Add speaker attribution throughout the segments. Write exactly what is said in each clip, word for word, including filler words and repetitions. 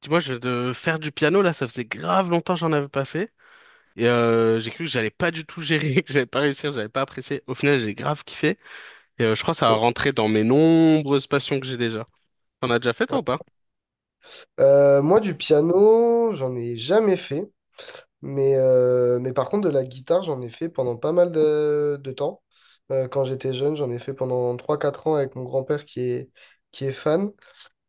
Speaker 1: Tu vois, je de faire du piano là, ça faisait grave longtemps que j'en avais pas fait. Et euh, j'ai cru que j'allais pas du tout gérer, que j'allais pas réussir, que j'allais pas apprécier. Au final, j'ai grave kiffé. Et euh, je crois que ça a
Speaker 2: Cool.
Speaker 1: rentré dans mes nombreuses passions que j'ai déjà. T'en as déjà fait
Speaker 2: Ouais.
Speaker 1: toi ou pas?
Speaker 2: Euh, moi, du piano, j'en ai jamais fait, mais, euh, mais par contre, de la guitare, j'en ai fait pendant pas mal de, de temps. Euh, quand j'étais jeune, j'en ai fait pendant trois quatre ans avec mon grand-père qui est, qui est fan.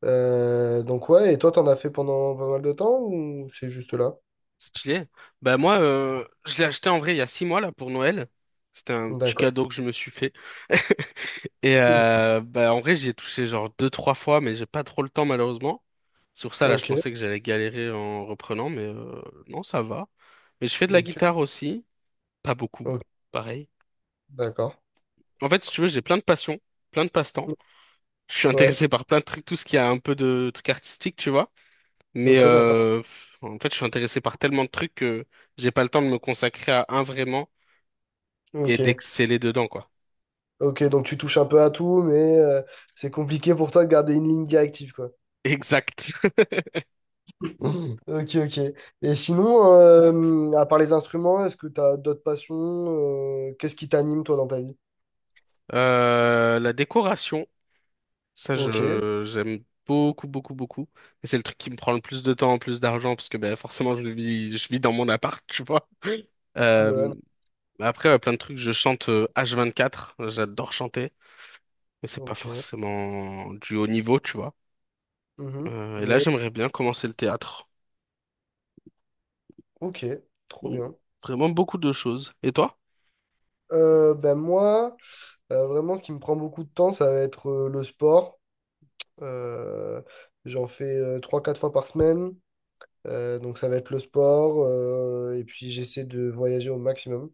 Speaker 2: Euh, donc, ouais, et toi, t'en as fait pendant pas mal de temps ou c'est juste là?
Speaker 1: Stylé. Bah moi, euh, je l'ai acheté en vrai il y a six mois là pour Noël. C'était un petit
Speaker 2: D'accord.
Speaker 1: cadeau que je me suis fait. Et euh, bah en vrai, j'y ai touché genre deux, trois fois, mais j'ai pas trop le temps malheureusement. Sur ça, là, je
Speaker 2: Ok,
Speaker 1: pensais que j'allais galérer en reprenant, mais euh, non, ça va. Mais je fais de la
Speaker 2: ok,
Speaker 1: guitare aussi. Pas beaucoup,
Speaker 2: ok,
Speaker 1: pareil.
Speaker 2: d'accord.
Speaker 1: En fait, si tu veux, j'ai plein de passions, plein de passe-temps. Je suis
Speaker 2: Ouais,
Speaker 1: intéressé par plein de trucs, tout ce qui a un peu de trucs artistiques, tu vois. Mais
Speaker 2: ok, d'accord.
Speaker 1: euh, pff, en fait, je suis intéressé par tellement de trucs que j'ai pas le temps de me consacrer à un vraiment et
Speaker 2: Ok,
Speaker 1: d'exceller dedans, quoi.
Speaker 2: ok, donc tu touches un peu à tout, mais euh, c'est compliqué pour toi de garder une ligne directive, quoi.
Speaker 1: Exact.
Speaker 2: Ok, ok. Et sinon, euh, à part les instruments, est-ce que tu as d'autres passions? Euh, qu'est-ce qui t'anime, toi, dans ta vie?
Speaker 1: Euh, la décoration, ça,
Speaker 2: Ok.
Speaker 1: je j'aime beaucoup, beaucoup, beaucoup. Et c'est le truc qui me prend le plus de temps, le plus d'argent, parce que ben forcément, je vis, je vis dans mon appart, tu vois.
Speaker 2: Ah
Speaker 1: Euh,
Speaker 2: ben,
Speaker 1: après, ouais, plein de trucs. Je chante euh, h quatre. J'adore chanter. Mais c'est pas
Speaker 2: ok.
Speaker 1: forcément du haut niveau, tu vois.
Speaker 2: Mhm.
Speaker 1: Euh, et là,
Speaker 2: Mais,
Speaker 1: j'aimerais bien commencer le théâtre.
Speaker 2: ok, trop
Speaker 1: Donc,
Speaker 2: bien.
Speaker 1: vraiment beaucoup de choses. Et toi?
Speaker 2: Euh, ben moi, euh, vraiment, ce qui me prend beaucoup de temps, ça va être euh, le sport. Euh, j'en fais euh, trois quatre fois par semaine. Euh, donc, ça va être le sport. Euh, et puis, j'essaie de voyager au maximum.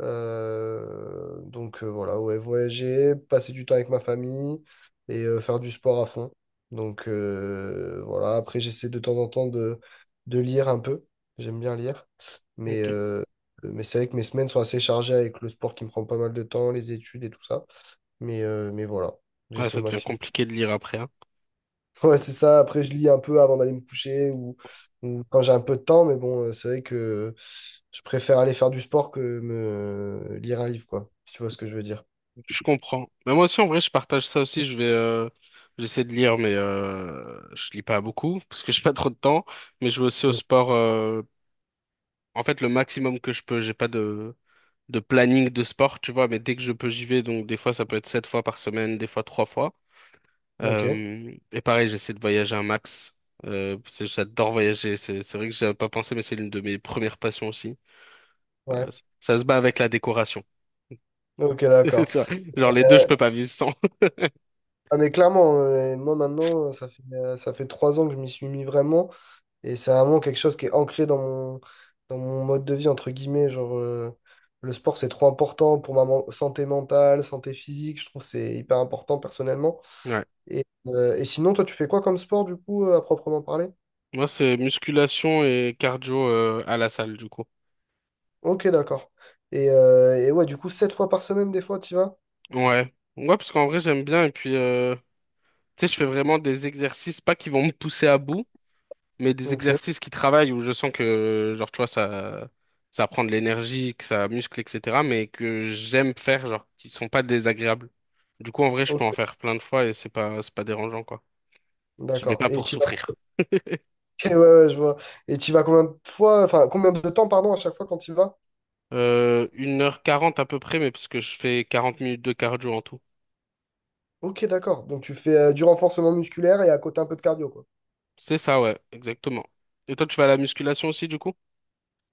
Speaker 2: Euh, donc euh, voilà, ouais, voyager, passer du temps avec ma famille et euh, faire du sport à fond. Donc euh, voilà, après j'essaie de temps en temps de, de lire un peu. J'aime bien lire. Mais,
Speaker 1: Ok.
Speaker 2: euh, mais c'est vrai que mes semaines sont assez chargées avec le sport qui me prend pas mal de temps, les études et tout ça. Mais, euh, mais voilà,
Speaker 1: Ah,
Speaker 2: j'essaie au
Speaker 1: ça devient
Speaker 2: maximum.
Speaker 1: compliqué de lire après, hein.
Speaker 2: Ouais, c'est ça. Après, je lis un peu avant d'aller me coucher ou, ou quand j'ai un peu de temps, mais bon, euh, c'est vrai que je préfère aller faire du sport que me euh, lire un livre, quoi, si tu vois ce que je veux dire.
Speaker 1: Je comprends. Mais moi aussi, en vrai, je partage ça aussi. Je vais, euh, j'essaie de lire, mais euh, je lis pas beaucoup parce que j'ai pas trop de temps. Mais je vais aussi au
Speaker 2: Mmh.
Speaker 1: sport. euh, en fait, le maximum que je peux. J'ai pas de de planning de sport, tu vois. Mais dès que je peux, j'y vais. Donc, des fois, ça peut être sept fois par semaine, des fois trois fois.
Speaker 2: Ok,
Speaker 1: Euh, et pareil, j'essaie de voyager un max. Euh, parce que j'adore voyager. C'est c'est vrai que j'avais pas pensé, mais c'est l'une de mes premières passions aussi.
Speaker 2: ouais.
Speaker 1: Euh, ça se bat avec la décoration.
Speaker 2: Ok,
Speaker 1: Tu
Speaker 2: d'accord.
Speaker 1: vois, Genre les deux, je peux pas vivre sans.
Speaker 2: Ah, mais clairement, euh, moi maintenant, ça fait, euh, ça fait trois ans que je m'y suis mis vraiment, et c'est vraiment quelque chose qui est ancré dans mon, dans mon mode de vie, entre guillemets. Genre, euh, le sport, c'est trop important pour ma men- santé mentale, santé physique, je trouve que c'est hyper important personnellement.
Speaker 1: Ouais.
Speaker 2: Et, euh, et sinon, toi, tu fais quoi comme sport, du coup, euh, à proprement parler?
Speaker 1: Moi, c'est musculation et cardio euh, à la salle, du coup.
Speaker 2: Ok, d'accord. Et, euh, et ouais, du coup, sept fois par semaine, des fois, tu vas?
Speaker 1: Ouais. Ouais, parce qu'en vrai, j'aime bien. Et puis, euh, tu sais, je fais vraiment des exercices, pas qui vont me pousser à bout, mais des
Speaker 2: Ok,
Speaker 1: exercices qui travaillent où je sens que, genre, tu vois, ça, ça prend de l'énergie, que ça muscle, et cetera, mais que j'aime faire, genre, qui sont pas désagréables. Du coup, en vrai, je peux en
Speaker 2: ok,
Speaker 1: faire plein de fois et c'est pas, c'est pas dérangeant, quoi. Je vais
Speaker 2: d'accord.
Speaker 1: pas
Speaker 2: Et
Speaker 1: pour
Speaker 2: tu vas.
Speaker 1: souffrir.
Speaker 2: Ok, ouais, ouais, je vois. Et tu vas combien de fois, enfin, combien de temps, pardon, à chaque fois quand tu vas?
Speaker 1: Euh, une heure quarante à peu près, mais parce que je fais quarante minutes de cardio en tout.
Speaker 2: Ok, d'accord. Donc, tu fais euh, du renforcement musculaire et à côté un peu de cardio, quoi.
Speaker 1: C'est ça, ouais, exactement. Et toi, tu vas à la musculation aussi, du coup?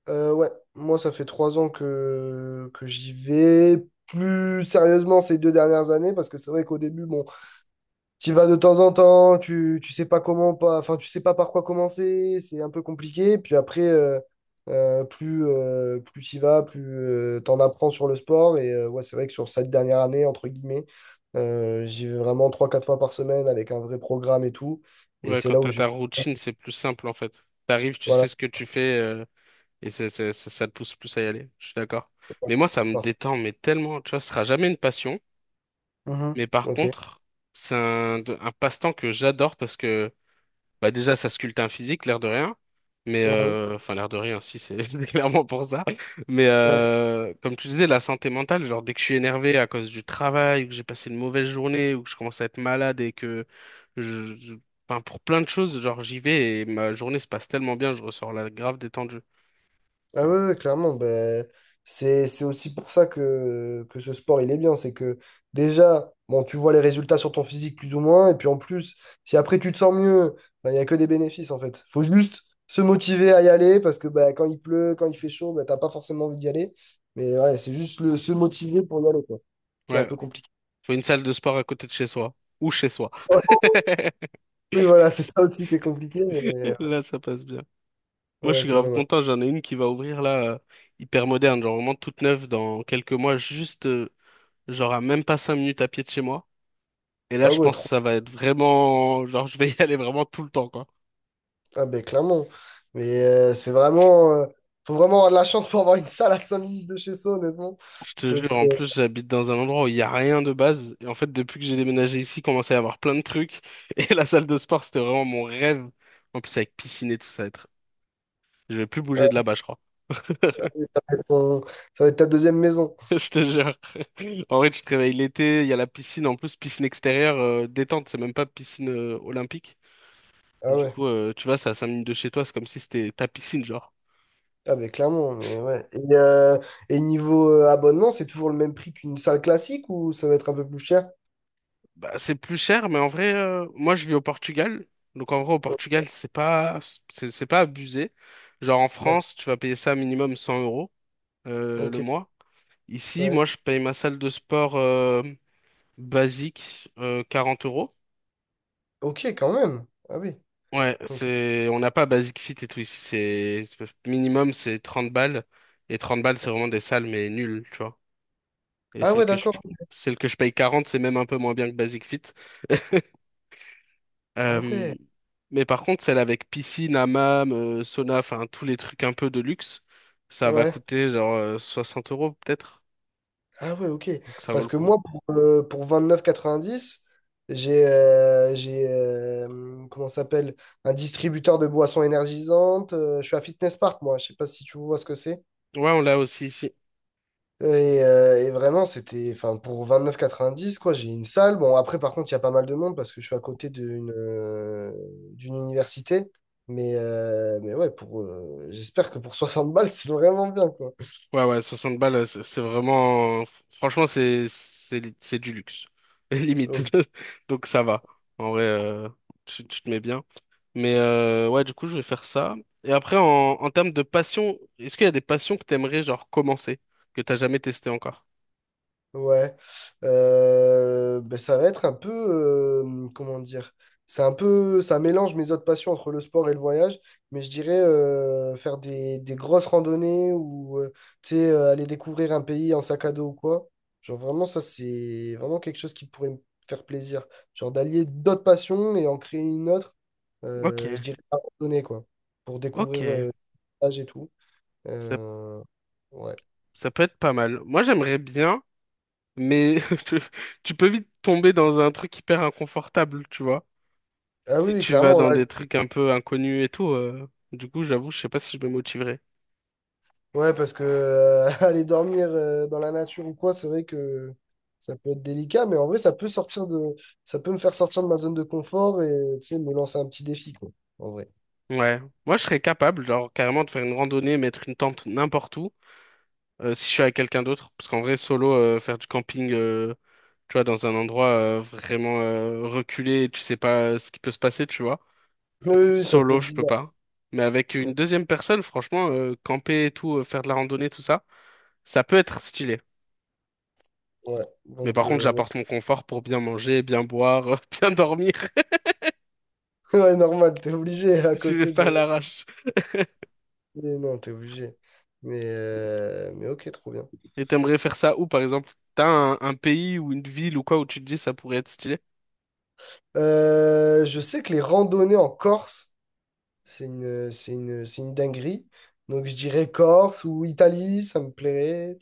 Speaker 2: Euh, ouais, moi, ça fait trois ans que, que j'y vais. Plus sérieusement ces deux dernières années, parce que c'est vrai qu'au début, bon, tu vas de temps en temps, tu, tu sais pas comment pas, enfin tu sais pas par quoi commencer, c'est un peu compliqué. Puis après, euh, euh, plus euh, plus tu vas, plus euh, t'en apprends sur le sport. Et euh, ouais, c'est vrai que sur cette dernière année, entre guillemets, euh, j'y vais vraiment trois quatre fois par semaine avec un vrai programme et tout. Et
Speaker 1: Ouais,
Speaker 2: c'est
Speaker 1: quand
Speaker 2: là où
Speaker 1: t'as
Speaker 2: je.
Speaker 1: ta routine, c'est plus simple, en fait. T'arrives, tu sais
Speaker 2: Voilà.
Speaker 1: ce que tu fais, euh, Et c'est, c'est- ça, ça te pousse plus à y aller, je suis d'accord. Mais moi, ça me détend, mais tellement, tu vois, ce sera jamais une passion.
Speaker 2: Mhm.
Speaker 1: Mais par
Speaker 2: Ok.
Speaker 1: contre, c'est un, de- un passe-temps que j'adore parce que, bah déjà, ça sculpte un physique, l'air de rien. Mais,
Speaker 2: Mhm.
Speaker 1: euh, enfin, l'air de rien, si, c'est c'est clairement pour ça. Mais,
Speaker 2: Ouais.
Speaker 1: euh, comme tu disais, la santé mentale, genre, dès que je suis énervé à cause du travail, ou que j'ai passé une mauvaise journée, ou que je commence à être malade et que je, je- enfin, pour plein de choses, genre, j'y vais et ma journée se passe tellement bien, je ressors là grave détendu.
Speaker 2: Ah ouais, ouais, clairement, ben, c'est, c'est aussi pour ça que, que ce sport, il est bien. C'est que déjà, bon, tu vois les résultats sur ton physique plus ou moins, et puis en plus, si après tu te sens mieux, ben, il n'y a que des bénéfices en fait. Faut juste se motiver à y aller, parce que ben, quand il pleut, quand il fait chaud, ben, t'as pas forcément envie d'y aller. Mais ouais, c'est juste le, se motiver pour y aller, quoi, qui est un
Speaker 1: Ouais,
Speaker 2: peu compliqué.
Speaker 1: faut une salle de sport à côté de chez soi. Ou chez soi.
Speaker 2: Oui, voilà, c'est ça aussi qui est compliqué, mais
Speaker 1: Là, ça passe bien. Moi, je
Speaker 2: ouais,
Speaker 1: suis
Speaker 2: c'est
Speaker 1: grave
Speaker 2: pas mal.
Speaker 1: content. J'en ai une qui va ouvrir là, euh, hyper moderne, genre vraiment toute neuve dans quelques mois, juste euh, genre à même pas cinq minutes à pied de chez moi. Et là,
Speaker 2: Ah
Speaker 1: je
Speaker 2: ouais,
Speaker 1: pense que
Speaker 2: trop.
Speaker 1: ça va être vraiment, genre, je vais y aller vraiment tout le temps, quoi.
Speaker 2: Ah ben clairement. Mais euh, c'est vraiment... euh, faut vraiment avoir de la chance pour avoir une salle à cinq minutes de chez soi, honnêtement.
Speaker 1: Je te jure,
Speaker 2: Parce que
Speaker 1: en plus, j'habite dans un endroit où il y a rien de base. Et en fait, depuis que j'ai déménagé ici, il commençait à y avoir plein de trucs. Et la salle de sport, c'était vraiment mon rêve. En plus, avec piscine et tout, ça va être. Je vais plus
Speaker 2: euh,
Speaker 1: bouger de là-bas, je crois.
Speaker 2: ça va être ton- ça va être ta deuxième maison.
Speaker 1: Je te jure. En vrai, tu te réveilles l'été, il y a la piscine, en plus, piscine extérieure, euh, détente, c'est même pas piscine euh, olympique.
Speaker 2: Ah
Speaker 1: Du
Speaker 2: ouais.
Speaker 1: coup, euh, tu vois, c'est à cinq minutes de chez toi, c'est comme si c'était ta piscine, genre.
Speaker 2: Ah ben clairement, mais ouais. Et, euh, et niveau euh, abonnement, c'est toujours le même prix qu'une salle classique ou ça va être un peu plus cher?
Speaker 1: Bah, c'est plus cher, mais en vrai, euh, moi, je vis au Portugal. Donc, en vrai, au
Speaker 2: Oh,
Speaker 1: Portugal, c'est pas, c'est c'est pas abusé. Genre, en
Speaker 2: d'accord.
Speaker 1: France, tu vas payer ça minimum cent euros euh,
Speaker 2: Ok,
Speaker 1: le mois. Ici,
Speaker 2: ouais.
Speaker 1: moi, je paye ma salle de sport euh, basique euh, quarante euros.
Speaker 2: Ok, quand même. Ah oui.
Speaker 1: Ouais,
Speaker 2: Ok.
Speaker 1: c'est, on n'a pas Basic Fit et tout ici. C'est, c'est- minimum, c'est trente balles. Et trente balles, c'est vraiment des salles, mais nulles, tu vois. Et
Speaker 2: Ah
Speaker 1: celle
Speaker 2: ouais,
Speaker 1: que je,
Speaker 2: d'accord.
Speaker 1: celle que je paye quarante, c'est même un peu moins bien que Basic Fit.
Speaker 2: Ah
Speaker 1: Euh,
Speaker 2: ouais.
Speaker 1: mais par contre, celle avec piscine, hammam, euh, sauna, enfin, tous les trucs un peu de luxe, ça va
Speaker 2: Ouais.
Speaker 1: coûter genre euh, soixante euros, peut-être.
Speaker 2: Ah ouais, ok.
Speaker 1: Donc ça vaut
Speaker 2: Parce
Speaker 1: le
Speaker 2: que
Speaker 1: coup.
Speaker 2: moi, pour, euh, pour vingt-neuf quatre-vingt-dix, j'ai euh, j'ai euh, hum, comment ça s'appelle? Un distributeur de boissons énergisantes. Euh, je suis à Fitness Park, moi. Je sais pas si tu vois ce que c'est.
Speaker 1: Ouais, on l'a aussi ici.
Speaker 2: Et, euh, et vraiment, c'était, enfin, pour vingt quatre-vingt-dix neuf quoi, j'ai une salle. Bon, après, par contre, il y a pas mal de monde parce que je suis à côté d'une euh, d'une université. Mais, euh, mais ouais, pour, euh, j'espère que pour soixante balles, c'est vraiment bien, quoi.
Speaker 1: Ouais, ouais, soixante balles, euh, c'est c'est vraiment. Franchement, c'est c'est c'est du luxe. Limite.
Speaker 2: Ok.
Speaker 1: Donc ça va. En vrai, euh, tu, tu te mets bien. Mais euh, ouais, du coup, je vais faire ça. Et après, en, en termes de passion, est-ce qu'il y a des passions que t'aimerais, genre, commencer, que t'as jamais testé encore?
Speaker 2: Ouais, Euh, ben, ça va être un peu, euh, comment dire, c'est un peu, ça mélange mes autres passions entre le sport et le voyage, mais je dirais euh, faire des, des grosses randonnées ou euh, tu sais, euh, aller découvrir un pays en sac à dos ou quoi. Genre vraiment, ça c'est vraiment quelque chose qui pourrait me faire plaisir. Genre d'allier d'autres passions et en créer une autre,
Speaker 1: Ok,
Speaker 2: euh, je dirais la randonnée quoi, pour découvrir euh,
Speaker 1: ok.
Speaker 2: le paysage et tout.
Speaker 1: Ça,
Speaker 2: Euh, ouais.
Speaker 1: ça peut être pas mal. Moi, j'aimerais bien. Mais tu tu peux vite tomber dans un truc hyper inconfortable, tu vois.
Speaker 2: Ah oui,
Speaker 1: Si
Speaker 2: oui,
Speaker 1: tu vas
Speaker 2: clairement,
Speaker 1: dans
Speaker 2: là,
Speaker 1: des trucs un peu inconnus et tout, euh, du coup, j'avoue, je sais pas si je me motiverai.
Speaker 2: ouais, parce que euh, aller dormir euh, dans la nature ou quoi, c'est vrai que ça peut être délicat, mais en vrai, ça peut sortir de, ça peut me faire sortir de ma zone de confort et tu sais, me lancer un petit défi, quoi, en vrai.
Speaker 1: Ouais. Moi, je serais capable, genre, carrément de faire une randonnée, mettre une tente n'importe où, euh, si je suis avec quelqu'un d'autre. Parce qu'en vrai, solo, euh, faire du camping, euh, tu vois, dans un endroit euh, vraiment euh, reculé, tu sais pas euh, ce qui peut se passer, tu vois.
Speaker 2: Oui, oui, oui, ça peut
Speaker 1: Solo,
Speaker 2: être
Speaker 1: je peux
Speaker 2: bizarre.
Speaker 1: pas. Mais avec une
Speaker 2: Ouais,
Speaker 1: deuxième personne, franchement, euh, camper et tout, euh, faire de la randonnée, tout ça, ça peut être stylé.
Speaker 2: ouais,
Speaker 1: Mais
Speaker 2: donc,
Speaker 1: par contre,
Speaker 2: euh, ouais.
Speaker 1: j'apporte mon confort pour bien manger, bien boire, bien dormir.
Speaker 2: Ouais, normal, t'es obligé à
Speaker 1: Je vais
Speaker 2: côté
Speaker 1: pas
Speaker 2: de.
Speaker 1: à l'arrache.
Speaker 2: Mais non, t'es obligé. Mais, euh, mais ok, trop bien.
Speaker 1: Et t'aimerais faire ça où, par exemple? T'as un, un pays ou une ville ou quoi où tu te dis ça pourrait être stylé?
Speaker 2: Euh, je sais que les randonnées en Corse, c'est une, c'est une, c'est une dinguerie. Donc, je dirais Corse ou Italie, ça me plairait.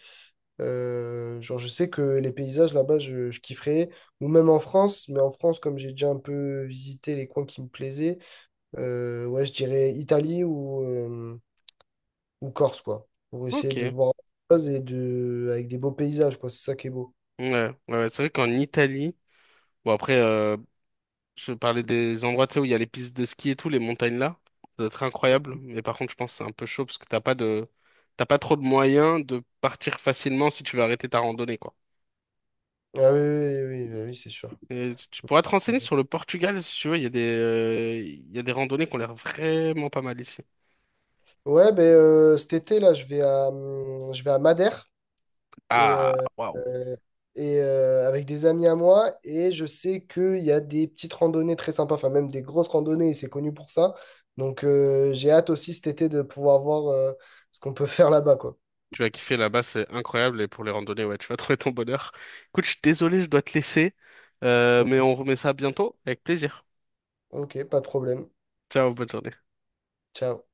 Speaker 2: Euh, genre, je sais que les paysages là-bas, je, je kifferais. Ou même en France, mais en France, comme j'ai déjà un peu visité les coins qui me plaisaient, euh, ouais, je dirais Italie ou, euh, ou Corse, quoi. Pour essayer
Speaker 1: Ok.
Speaker 2: de
Speaker 1: Ouais,
Speaker 2: voir autre chose et de, avec des beaux paysages, quoi. C'est ça qui est beau.
Speaker 1: ouais, ouais, c'est vrai qu'en Italie, bon après, euh, je parlais des endroits, tu sais, où il y a les pistes de ski et tout, les montagnes là. Ça doit être incroyable. Mais par contre, je pense que c'est un peu chaud parce que t'as pas de, t'as pas trop de moyens de partir facilement si tu veux arrêter ta randonnée, quoi.
Speaker 2: Ah oui, oui, oui, oui, bah oui, c'est sûr.
Speaker 1: Et tu tu pourras te renseigner sur le Portugal si tu veux. Il y a des, euh, il y a des randonnées qui ont l'air vraiment pas mal ici.
Speaker 2: Ouais, ben euh, cet été, là, je vais à, hum, je vais à Madère. et,
Speaker 1: Ah,
Speaker 2: euh,
Speaker 1: waouh.
Speaker 2: euh, et euh, avec des amis à moi. Et je sais qu'il y a des petites randonnées très sympas, enfin même des grosses randonnées, et c'est connu pour ça. Donc euh, j'ai hâte aussi cet été de pouvoir voir euh, ce qu'on peut faire là-bas, quoi.
Speaker 1: Tu vas kiffer là-bas, c'est incroyable. Et pour les randonnées, ouais, tu vas trouver ton bonheur. Écoute, je suis désolé, je dois te laisser. Euh,
Speaker 2: Donc,
Speaker 1: mais on remet ça bientôt avec plaisir.
Speaker 2: ok, pas de problème.
Speaker 1: Ciao, bonne journée.
Speaker 2: Ciao.